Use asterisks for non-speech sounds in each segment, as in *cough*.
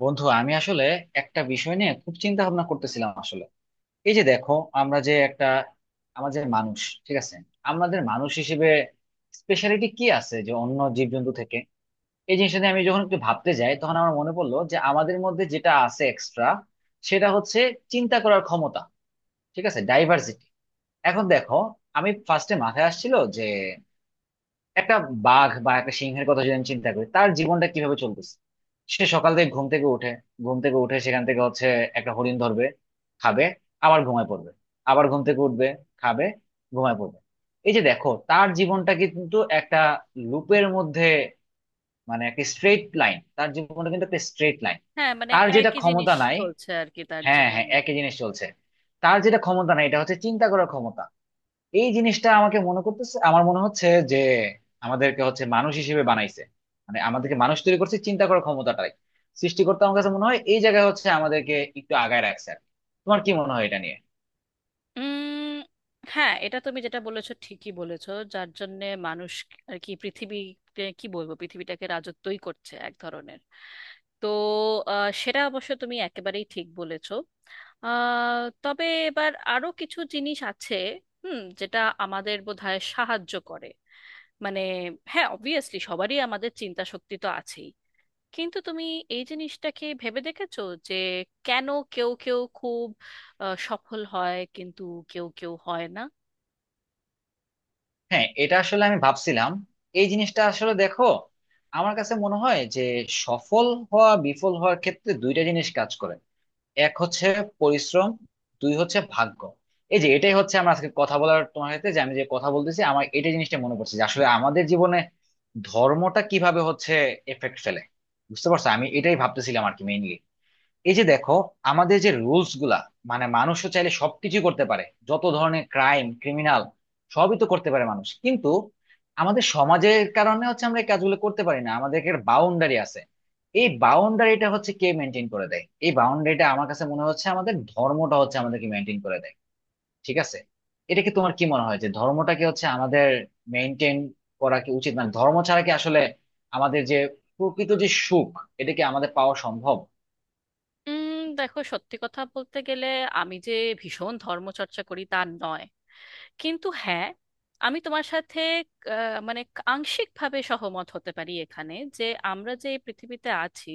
বন্ধু, আমি আসলে একটা বিষয় নিয়ে খুব চিন্তা ভাবনা করতেছিলাম আসলে। এই যে দেখো, আমরা যে একটা আমাদের মানুষ, ঠিক আছে, আমাদের মানুষ হিসেবে স্পেশালিটি কি আছে যে অন্য জীবজন্তু থেকে? এই জিনিসটা নিয়ে আমি যখন একটু ভাবতে যাই তখন আমার মনে পড়লো যে আমাদের মধ্যে যেটা আছে এক্সট্রা, সেটা হচ্ছে চিন্তা করার ক্ষমতা। ঠিক আছে, ডাইভার্সিটি। এখন দেখো, আমি ফার্স্টে মাথায় আসছিল যে একটা বাঘ বা একটা সিংহের কথা যদি আমি চিন্তা করি, তার জীবনটা কিভাবে চলতেছে। সে সকাল থেকে ঘুম থেকে উঠে সেখান থেকে হচ্ছে একটা হরিণ ধরবে, খাবে, আবার ঘুমায় পড়বে, আবার ঘুম থেকে উঠবে, খাবে, ঘুমায় পড়বে। এই যে দেখো, তার জীবনটা কিন্তু একটা লুপের মধ্যে, মানে একটা স্ট্রেট লাইন, তার জীবনটা কিন্তু একটা স্ট্রেট লাইন। হ্যাঁ মানে তার যেটা একই জিনিস ক্ষমতা নাই। চলছে আর কি তার হ্যাঁ, হ্যাঁ, জীবনে। একই জিনিস চলছে। তার যেটা ক্ষমতা নাই এটা হচ্ছে চিন্তা করার ক্ষমতা। এই জিনিসটা আমাকে মনে করতেছে, আমার মনে হচ্ছে যে আমাদেরকে হচ্ছে মানুষ হিসেবে বানাইছে, মানে আমাদেরকে মানুষ তৈরি করছে চিন্তা করার ক্ষমতাটাই। সৃষ্টিকর্তা আমার কাছে মনে হয় এই জায়গায় হচ্ছে আমাদেরকে একটু আগায় রাখছে আর কি। তোমার কি মনে হয় এটা নিয়ে? উম হ্যাঁ, এটা তুমি যেটা বলেছো ঠিকই বলেছো, যার জন্যে মানুষ আর কি পৃথিবীতে, কি বলবো, পৃথিবীটাকে রাজত্বই করছে এক ধরনের। তো সেটা অবশ্য তুমি একেবারেই ঠিক বলেছো। তবে এবার আরো কিছু জিনিস আছে, হুম, যেটা আমাদের বোধহয় সাহায্য করে। মানে হ্যাঁ, অবভিয়াসলি সবারই আমাদের চিন্তা শক্তি তো আছেই, কিন্তু তুমি এই জিনিসটাকে ভেবে দেখেছো যে কেন কেউ কেউ খুব সফল হয় কিন্তু কেউ কেউ হয় না? হ্যাঁ, এটা আসলে আমি ভাবছিলাম এই জিনিসটা। আসলে দেখো, আমার কাছে মনে হয় যে সফল হওয়া বিফল হওয়ার ক্ষেত্রে দুইটা জিনিস কাজ করে। এক হচ্ছে পরিশ্রম, দুই হচ্ছে ভাগ্য। এই যে এটাই হচ্ছে আমরা আজকে কথা বলার তোমার সাথে, যে আমি যে কথা বলতেছি আমার এটা জিনিসটা মনে পড়ছে যে আসলে আমাদের জীবনে ধর্মটা কিভাবে হচ্ছে এফেক্ট ফেলে। বুঝতে পারছো, আমি এটাই ভাবতেছিলাম আর কি, মেইনলি। এই যে দেখো, আমাদের যে রুলস গুলা, মানে মানুষও চাইলে সবকিছু করতে পারে, যত ধরনের ক্রাইম ক্রিমিনাল সবই তো করতে পারে মানুষ, কিন্তু আমাদের সমাজের কারণে হচ্ছে আমরা এই কাজগুলো করতে পারি না, আমাদের একটা বাউন্ডারি আছে। এই বাউন্ডারিটা হচ্ছে কে মেনটেন করে দেয়? এই বাউন্ডারিটা আমার কাছে মনে হচ্ছে আমাদের ধর্মটা হচ্ছে আমাদেরকে মেনটেন করে দেয়। ঠিক আছে। এটা কি, তোমার কি মনে হয় যে ধর্মটাকে হচ্ছে আমাদের মেনটেন করা কি উচিত? মানে ধর্ম ছাড়া কি আসলে আমাদের যে প্রকৃত যে সুখ, এটা কি আমাদের পাওয়া সম্ভব? দেখো, সত্যি কথা বলতে গেলে আমি যে ভীষণ ধর্মচর্চা করি তা নয়, কিন্তু হ্যাঁ, আমি তোমার সাথে মানে আংশিকভাবে সহমত হতে পারি এখানে, যে আমরা যে এই পৃথিবীতে আছি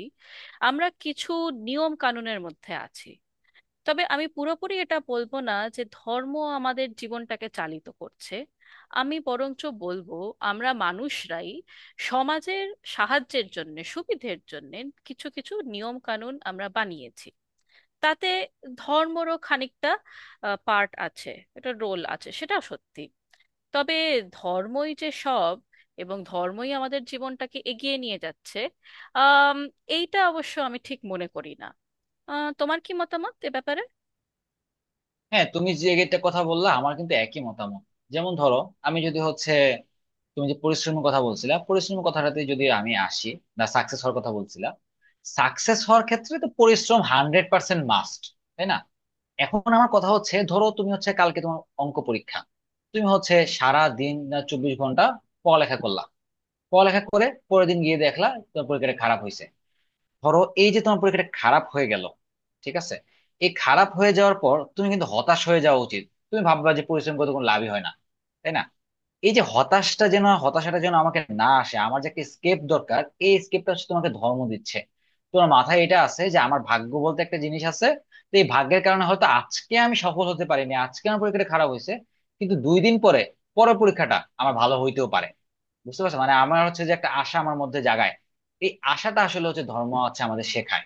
আমরা কিছু নিয়ম কানুনের মধ্যে আছি। তবে আমি পুরোপুরি এটা বলবো না যে ধর্ম আমাদের জীবনটাকে চালিত করছে। আমি বরঞ্চ বলবো আমরা মানুষরাই সমাজের সাহায্যের জন্য, সুবিধের জন্য কিছু কিছু নিয়ম কানুন আমরা বানিয়েছি। তাতে ধর্মরও খানিকটা পার্ট আছে, এটা রোল আছে, সেটা সত্যি। তবে ধর্মই যে সব এবং ধর্মই আমাদের জীবনটাকে এগিয়ে নিয়ে যাচ্ছে, আম, এইটা অবশ্য আমি ঠিক মনে করি না। তোমার কি মতামত এ ব্যাপারে? হ্যাঁ, তুমি যে একটা কথা বললা আমার কিন্তু একই মতামত। যেমন ধরো, আমি যদি হচ্ছে তুমি যে পরিশ্রমের কথা বলছিলা, পরিশ্রমের কথাটাতে যদি আমি আসি, না, সাকসেস হওয়ার কথা বলছিলা। সাকসেস হওয়ার ক্ষেত্রে তো পরিশ্রম 100% মাস্ট, তাই না? এখন আমার কথা হচ্ছে, ধরো তুমি হচ্ছে কালকে তোমার অঙ্ক পরীক্ষা। তুমি হচ্ছে সারা দিন, না, 24 ঘন্টা পড়ালেখা করলা। পড়ালেখা করে পরের দিন গিয়ে দেখলা তোমার পরীক্ষাটা খারাপ হয়েছে। ধরো এই যে তোমার পরীক্ষাটা খারাপ হয়ে গেল, ঠিক আছে। এই খারাপ হয়ে যাওয়ার পর তুমি কিন্তু হতাশ হয়ে যাওয়া উচিত। তুমি ভাববা যে পরিশ্রম করে তো কোনো লাভই হয় না, তাই না? এই যে হতাশটা যেন হতাশাটা যেন আমাকে না আসে, আমার যে একটা স্কেপ দরকার। এই স্কেপটা হচ্ছে তোমাকে ধর্ম দিচ্ছে। তোমার মাথায় এটা আছে যে আমার ভাগ্য বলতে একটা জিনিস আছে। তো এই ভাগ্যের কারণে হয়তো আজকে আমি সফল হতে পারিনি, আজকে আমার পরীক্ষাটা খারাপ হয়েছে, কিন্তু 2 দিন পরে পরের পরীক্ষাটা আমার ভালো হইতেও পারে। বুঝতে পারছো, মানে আমার হচ্ছে যে একটা আশা আমার মধ্যে জাগায়। এই আশাটা আসলে হচ্ছে ধর্ম হচ্ছে আমাদের শেখায়।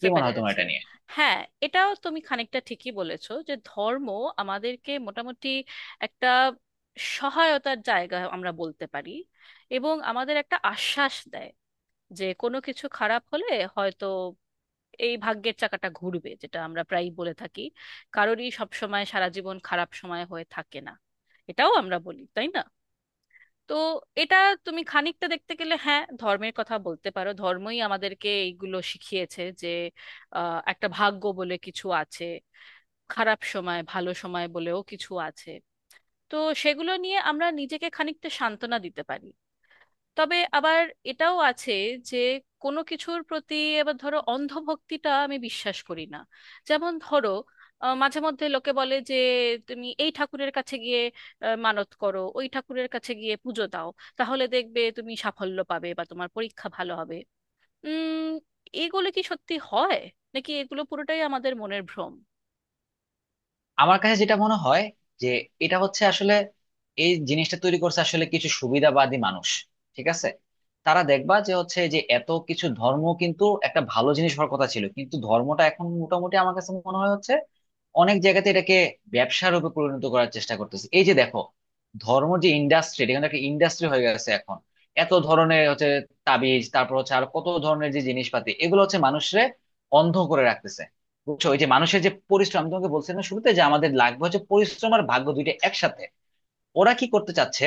কি মনে হয় তোমার পেরেছি। এটা নিয়ে? হ্যাঁ, এটাও তুমি খানিকটা ঠিকই বলেছো যে ধর্ম আমাদেরকে মোটামুটি একটা সহায়তার জায়গা আমরা বলতে পারি, এবং আমাদের একটা আশ্বাস দেয় যে কোনো কিছু খারাপ হলে হয়তো এই ভাগ্যের চাকাটা ঘুরবে, যেটা আমরা প্রায়ই বলে থাকি। কারোরই সব সময় সারা জীবন খারাপ সময় হয়ে থাকে না, এটাও আমরা বলি, তাই না? তো এটা তুমি খানিকটা দেখতে গেলে হ্যাঁ, ধর্মের কথা বলতে পারো, ধর্মই আমাদেরকে এইগুলো শিখিয়েছে যে একটা ভাগ্য বলে কিছু আছে, খারাপ সময় ভালো সময় বলেও কিছু আছে। তো সেগুলো নিয়ে আমরা নিজেকে খানিকটা সান্ত্বনা দিতে পারি। তবে আবার এটাও আছে যে কোনো কিছুর প্রতি, এবার ধরো, অন্ধভক্তিটা আমি বিশ্বাস করি না। যেমন ধরো মাঝে মধ্যে লোকে বলে যে তুমি এই ঠাকুরের কাছে গিয়ে মানত করো, ওই ঠাকুরের কাছে গিয়ে পুজো দাও, তাহলে দেখবে তুমি সাফল্য পাবে বা তোমার পরীক্ষা ভালো হবে। উম এগুলো কি সত্যি হয়, নাকি এগুলো পুরোটাই আমাদের মনের ভ্রম? আমার কাছে যেটা মনে হয় যে এটা হচ্ছে আসলে এই জিনিসটা তৈরি করছে আসলে কিছু সুবিধাবাদী মানুষ। ঠিক আছে। তারা দেখবা যে হচ্ছে যে এত কিছু, ধর্ম কিন্তু একটা ভালো জিনিস হওয়ার কথা ছিল, কিন্তু ধর্মটা এখন মোটামুটি আমার কাছে মনে হয় হচ্ছে অনেক জায়গাতে এটাকে ব্যবসা রূপে পরিণত করার চেষ্টা করতেছে। এই যে দেখো, ধর্ম যে ইন্ডাস্ট্রি, এটা কিন্তু একটা ইন্ডাস্ট্রি হয়ে গেছে এখন। এত ধরনের হচ্ছে তাবিজ, তারপর হচ্ছে আর কত ধরনের যে জিনিসপাতি, এগুলো হচ্ছে মানুষরে অন্ধ করে রাখতেছে। বুঝছো, ওই যে মানুষের যে পরিশ্রম আমি তোমাকে বলছি না শুরুতে যে আমাদের লাগবে হচ্ছে পরিশ্রম আর ভাগ্য দুইটা একসাথে। ওরা কি করতে চাচ্ছে?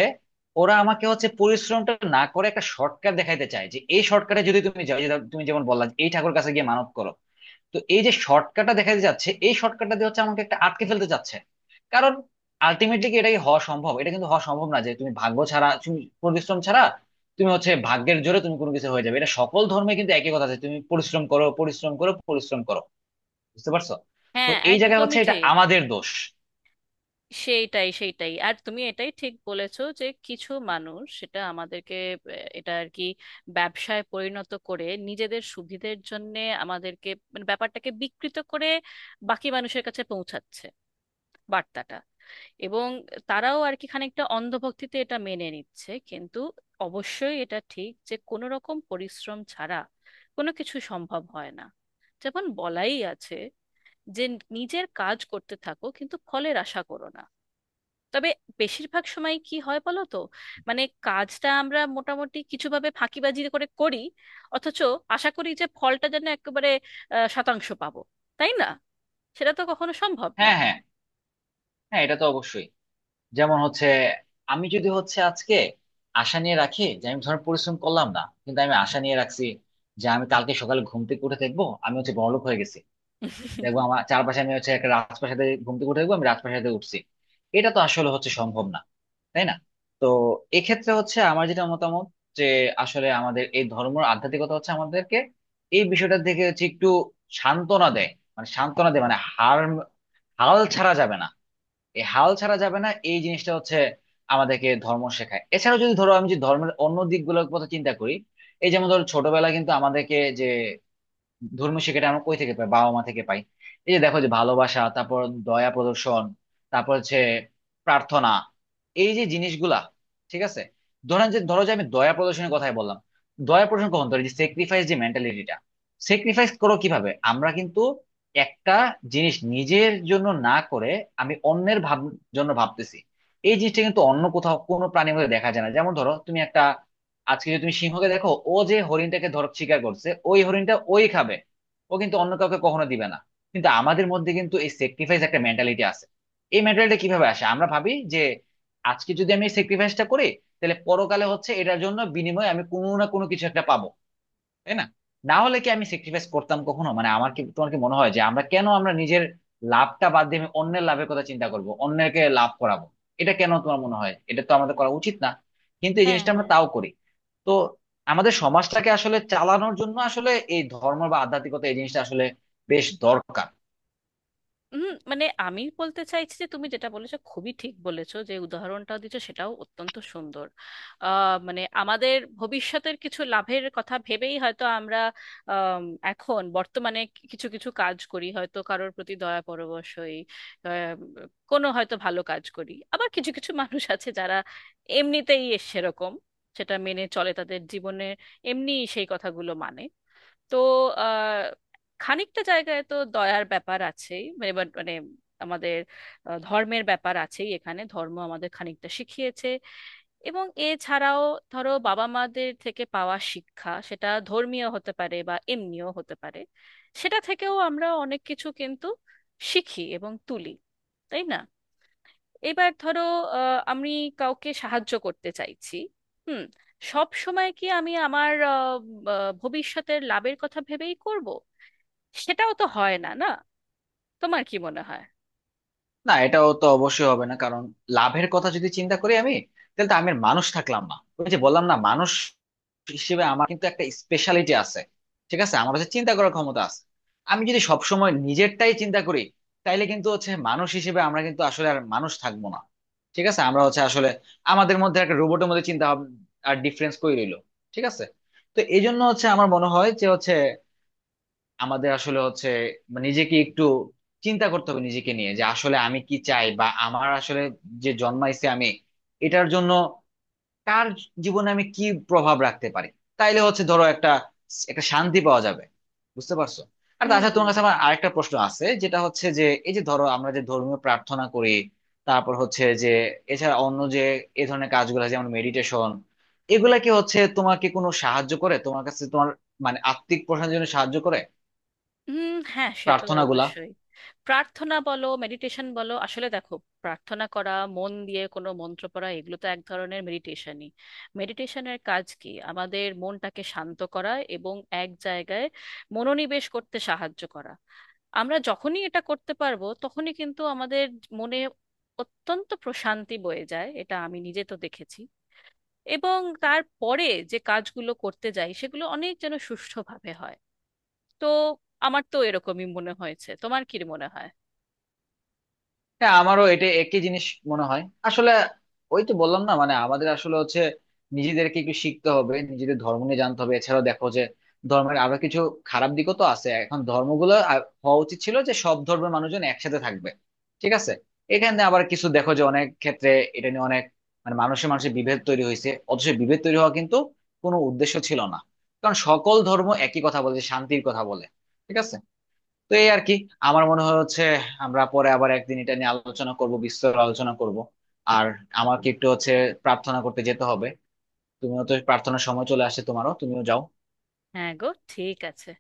ওরা আমাকে হচ্ছে পরিশ্রমটা না করে একটা শর্টকাট দেখাইতে চায়, যে এই শর্টকাটে যদি তুমি যাও যে, তুমি যেমন বললা যে এই ঠাকুর কাছে গিয়ে মানত করো। তো এই যে শর্টকাটটা দেখাইতে যাচ্ছে, এই শর্টকাটটা দিয়ে হচ্ছে আমাকে একটা আটকে ফেলতে চাচ্ছে। কারণ আলটিমেটলি কি এটা কি হওয়া সম্ভব? এটা কিন্তু হওয়া সম্ভব না যে তুমি ভাগ্য ছাড়া, তুমি পরিশ্রম ছাড়া, তুমি হচ্ছে ভাগ্যের জোরে তুমি কোনো কিছু হয়ে যাবে। এটা সকল ধর্মে কিন্তু একই কথা আছে, তুমি পরিশ্রম করো, পরিশ্রম করো, পরিশ্রম করো। বুঝতে পারছো? তো হ্যাঁ, এই জায়গায় একদমই হচ্ছে এটা ঠিক। আমাদের দোষ। সেইটাই সেইটাই, আর তুমি এটাই ঠিক বলেছো যে কিছু মানুষ সেটা আমাদেরকে, এটা আর কি, ব্যবসায় পরিণত করে নিজেদের সুবিধের জন্য। আমাদেরকে মানে ব্যাপারটাকে বিকৃত করে বাকি মানুষের কাছে পৌঁছাচ্ছে বার্তাটা, এবং তারাও আর কি খানিকটা অন্ধভক্তিতে এটা মেনে নিচ্ছে। কিন্তু অবশ্যই এটা ঠিক যে কোনো রকম পরিশ্রম ছাড়া কোনো কিছু সম্ভব হয় না। যেমন বলাই আছে যে নিজের কাজ করতে থাকো কিন্তু ফলের আশা করো না। তবে বেশিরভাগ সময় কি হয় বলো তো, মানে কাজটা আমরা মোটামুটি কিছুভাবে ফাঁকিবাজি করে করি, অথচ আশা করি যে ফলটা যেন একেবারে শতাংশ পাবো, তাই না? সেটা তো কখনো সম্ভব হ্যাঁ, নয়। হ্যাঁ, হ্যাঁ, এটা তো অবশ্যই। যেমন হচ্ছে, আমি যদি হচ্ছে আজকে আশা নিয়ে রাখি যে আমি, ধর, পরিশ্রম করলাম না কিন্তু আমি আশা নিয়ে রাখছি যে আমি কালকে সকালে ঘুম থেকে উঠে দেখবো আমি হচ্ছে বড়লোক হয়ে গেছি, দেখবো *laughs* আমার চারপাশে আমি হচ্ছে একটা রাজপ্রাসাদে, ঘুম থেকে উঠে দেখবো আমি রাজপ্রাসাদে উঠছি। এটা তো আসলে হচ্ছে সম্ভব না, তাই না? তো এক্ষেত্রে হচ্ছে আমার যেটা মতামত যে আসলে আমাদের এই ধর্ম আর আধ্যাত্মিকতা হচ্ছে আমাদেরকে এই বিষয়টার দিকে হচ্ছে একটু সান্ত্বনা দেয়। মানে সান্ত্বনা দেয় মানে হাল ছাড়া যাবে না। এই হাল ছাড়া যাবে না এই জিনিসটা হচ্ছে আমাদেরকে ধর্ম শেখায়। এছাড়াও যদি ধরো আমি যদি ধর্মের অন্য দিকগুলোর কথা চিন্তা করি, এই যেমন ধরো, ছোটবেলা কিন্তু আমাদেরকে যে ধর্মীয় শিক্ষাটা আমরা কই থেকে পাই? বাবা মা থেকে পাই। এই যে দেখো যে ভালোবাসা, তারপর দয়া প্রদর্শন, তারপর হচ্ছে প্রার্থনা, এই যে জিনিসগুলা, ঠিক আছে। ধরেন যে ধরো যে আমি দয়া প্রদর্শনের কথাই বললাম। দয়া প্রদর্শন কখন ধরে যে স্যাক্রিফাইস, যে মেন্টালিটিটা স্যাক্রিফাইস করো, কিভাবে আমরা কিন্তু একটা জিনিস নিজের জন্য না করে আমি অন্যের জন্য ভাবতেছি। এই জিনিসটা কিন্তু অন্য কোথাও কোনো প্রাণীর মধ্যে দেখা যায় না। যেমন ধরো, তুমি একটা, আজকে যদি তুমি সিংহকে দেখো, ও যে হরিণটাকে ধর শিকার করছে, ওই হরিণটা ওই খাবে, ও কিন্তু অন্য কাউকে কখনো দিবে না। কিন্তু আমাদের মধ্যে কিন্তু এই স্যাক্রিফাইস একটা মেন্টালিটি আছে। এই মেন্টালিটি কিভাবে আসে? আমরা ভাবি যে আজকে যদি আমি স্যাক্রিফাইসটা করি তাহলে পরকালে হচ্ছে এটার জন্য বিনিময়ে আমি কোনো না কোনো কিছু একটা পাবো, তাই না? না হলে কি আমি স্যাক্রিফাইস করতাম কখনো? মানে আমার কি, তোমার কি মনে হয় যে আমরা কেন আমরা নিজের লাভটা বাদ দিয়ে আমি অন্যের লাভের কথা চিন্তা করব, অন্যকে লাভ করাবো, এটা কেন? তোমার মনে হয় এটা তো আমাদের করা উচিত না, কিন্তু এই জিনিসটা আমরা হ্যাঁ। তাও করি। তো আমাদের সমাজটাকে আসলে চালানোর জন্য আসলে এই ধর্ম বা আধ্যাত্মিকতা এই জিনিসটা আসলে বেশ দরকার। হুম, মানে আমি বলতে চাইছি যে তুমি যেটা বলেছো খুবই ঠিক বলেছো, যে উদাহরণটা দিচ্ছ সেটাও অত্যন্ত সুন্দর। মানে আমাদের ভবিষ্যতের কিছু লাভের কথা ভেবেই হয়তো আমরা আম, এখন বর্তমানে কিছু কিছু কাজ করি, হয়তো কারোর প্রতি দয়া পরবশ হই, আহ, কোনো হয়তো ভালো কাজ করি। আবার কিছু কিছু মানুষ আছে যারা এমনিতেই এ সেরকম, সেটা মেনে চলে তাদের জীবনে, এমনি সেই কথাগুলো মানে। তো আহ, খানিকটা জায়গায় তো দয়ার ব্যাপার আছেই। এবার মানে আমাদের ধর্মের ব্যাপার আছেই এখানে, ধর্ম আমাদের খানিকটা শিখিয়েছে। এবং এছাড়াও ধরো বাবা মাদের থেকে পাওয়া শিক্ষা, সেটা ধর্মীয় হতে পারে বা এমনিও হতে পারে, সেটা থেকেও আমরা অনেক কিছু কিন্তু শিখি এবং তুলি, তাই না? এবার ধরো আমি কাউকে সাহায্য করতে চাইছি, হুম, সব সময় কি আমি আমার ভবিষ্যতের লাভের কথা ভেবেই করব? সেটাও তো হয় না, না? তোমার কি মনে হয়? না, এটাও তো অবশ্যই হবে না, কারণ লাভের কথা যদি চিন্তা করি আমি, তাহলে তো আমি আর মানুষ থাকলাম না। ওই যে বললাম না, মানুষ হিসেবে আমার কিন্তু একটা স্পেশালিটি আছে, ঠিক আছে, আমার কাছে চিন্তা করার ক্ষমতা আছে। আমি যদি সবসময় নিজেরটাই চিন্তা করি, তাইলে কিন্তু হচ্ছে মানুষ হিসেবে আমরা কিন্তু আসলে আর মানুষ থাকবো না। ঠিক আছে, আমরা হচ্ছে আসলে আমাদের মধ্যে একটা রোবটের মধ্যে চিন্তা আর ডিফারেন্স করে রইলো। ঠিক আছে। তো এই জন্য হচ্ছে আমার মনে হয় যে হচ্ছে আমাদের আসলে হচ্ছে, মানে নিজেকে একটু চিন্তা করতে হবে, নিজেকে নিয়ে যে আসলে আমি কি চাই, বা আমার আসলে যে জন্মাইছে আমি, এটার জন্য কার জীবনে আমি কি প্রভাব রাখতে পারি, তাইলে হচ্ছে ধরো একটা একটা শান্তি পাওয়া যাবে। বুঝতে পারছো? আর তাছাড়া হুম। তোমার কাছে আমার আরেকটা প্রশ্ন আছে, যেটা হচ্ছে যে এই যে ধরো আমরা যে ধর্মীয় প্রার্থনা করি, তারপর হচ্ছে যে এছাড়া অন্য যে এই ধরনের কাজগুলো আছে, যেমন মেডিটেশন, এগুলা কি হচ্ছে তোমাকে কোনো সাহায্য করে, তোমার কাছে তোমার মানে আত্মিক প্রশান্তির জন্য সাহায্য করে হুম, হ্যাঁ, সে তো প্রার্থনাগুলা? অবশ্যই। প্রার্থনা বলো, মেডিটেশন বলো, আসলে দেখো প্রার্থনা করা, মন দিয়ে কোনো মন্ত্র পড়া, এগুলো তো এক ধরনের মেডিটেশনই। মেডিটেশনের কাজ কি আমাদের মনটাকে শান্ত করা এবং এক জায়গায় মনোনিবেশ করতে সাহায্য করা। আমরা যখনই এটা করতে পারবো তখনই কিন্তু আমাদের মনে অত্যন্ত প্রশান্তি বয়ে যায়, এটা আমি নিজে তো দেখেছি। এবং তারপরে যে কাজগুলো করতে যাই সেগুলো অনেক যেন সুষ্ঠুভাবে হয়। তো আমার তো এরকমই মনে হয়েছে, তোমার কি মনে হয়? হ্যাঁ, আমারও এটা একই জিনিস মনে হয় আসলে। ওই তো বললাম না, মানে আমাদের আসলে হচ্ছে নিজেদেরকে একটু শিখতে হবে, নিজেদের ধর্ম নিয়ে জানতে হবে। এছাড়াও দেখো যে ধর্মের আরো কিছু খারাপ দিকও তো আছে। এখন ধর্মগুলো হওয়া উচিত ছিল যে সব ধর্মের মানুষজন একসাথে থাকবে, ঠিক আছে। এখানে আবার কিছু দেখো যে অনেক ক্ষেত্রে এটা নিয়ে অনেক, মানে মানুষের মানুষের বিভেদ তৈরি হয়েছে, অথচ বিভেদ তৈরি হওয়া কিন্তু কোনো উদ্দেশ্য ছিল না, কারণ সকল ধর্ম একই কথা বলে, যে শান্তির কথা বলে। ঠিক আছে। তো এই আর কি, আমার মনে হয় হচ্ছে আমরা পরে আবার একদিন এটা নিয়ে আলোচনা করব, বিস্তর আলোচনা করব। আর আমাকে একটু হচ্ছে প্রার্থনা করতে যেতে হবে। তুমিও তো, প্রার্থনার সময় চলে আসছে, তোমারও, তুমিও যাও। হ্যাঁ গো, ঠিক আছে।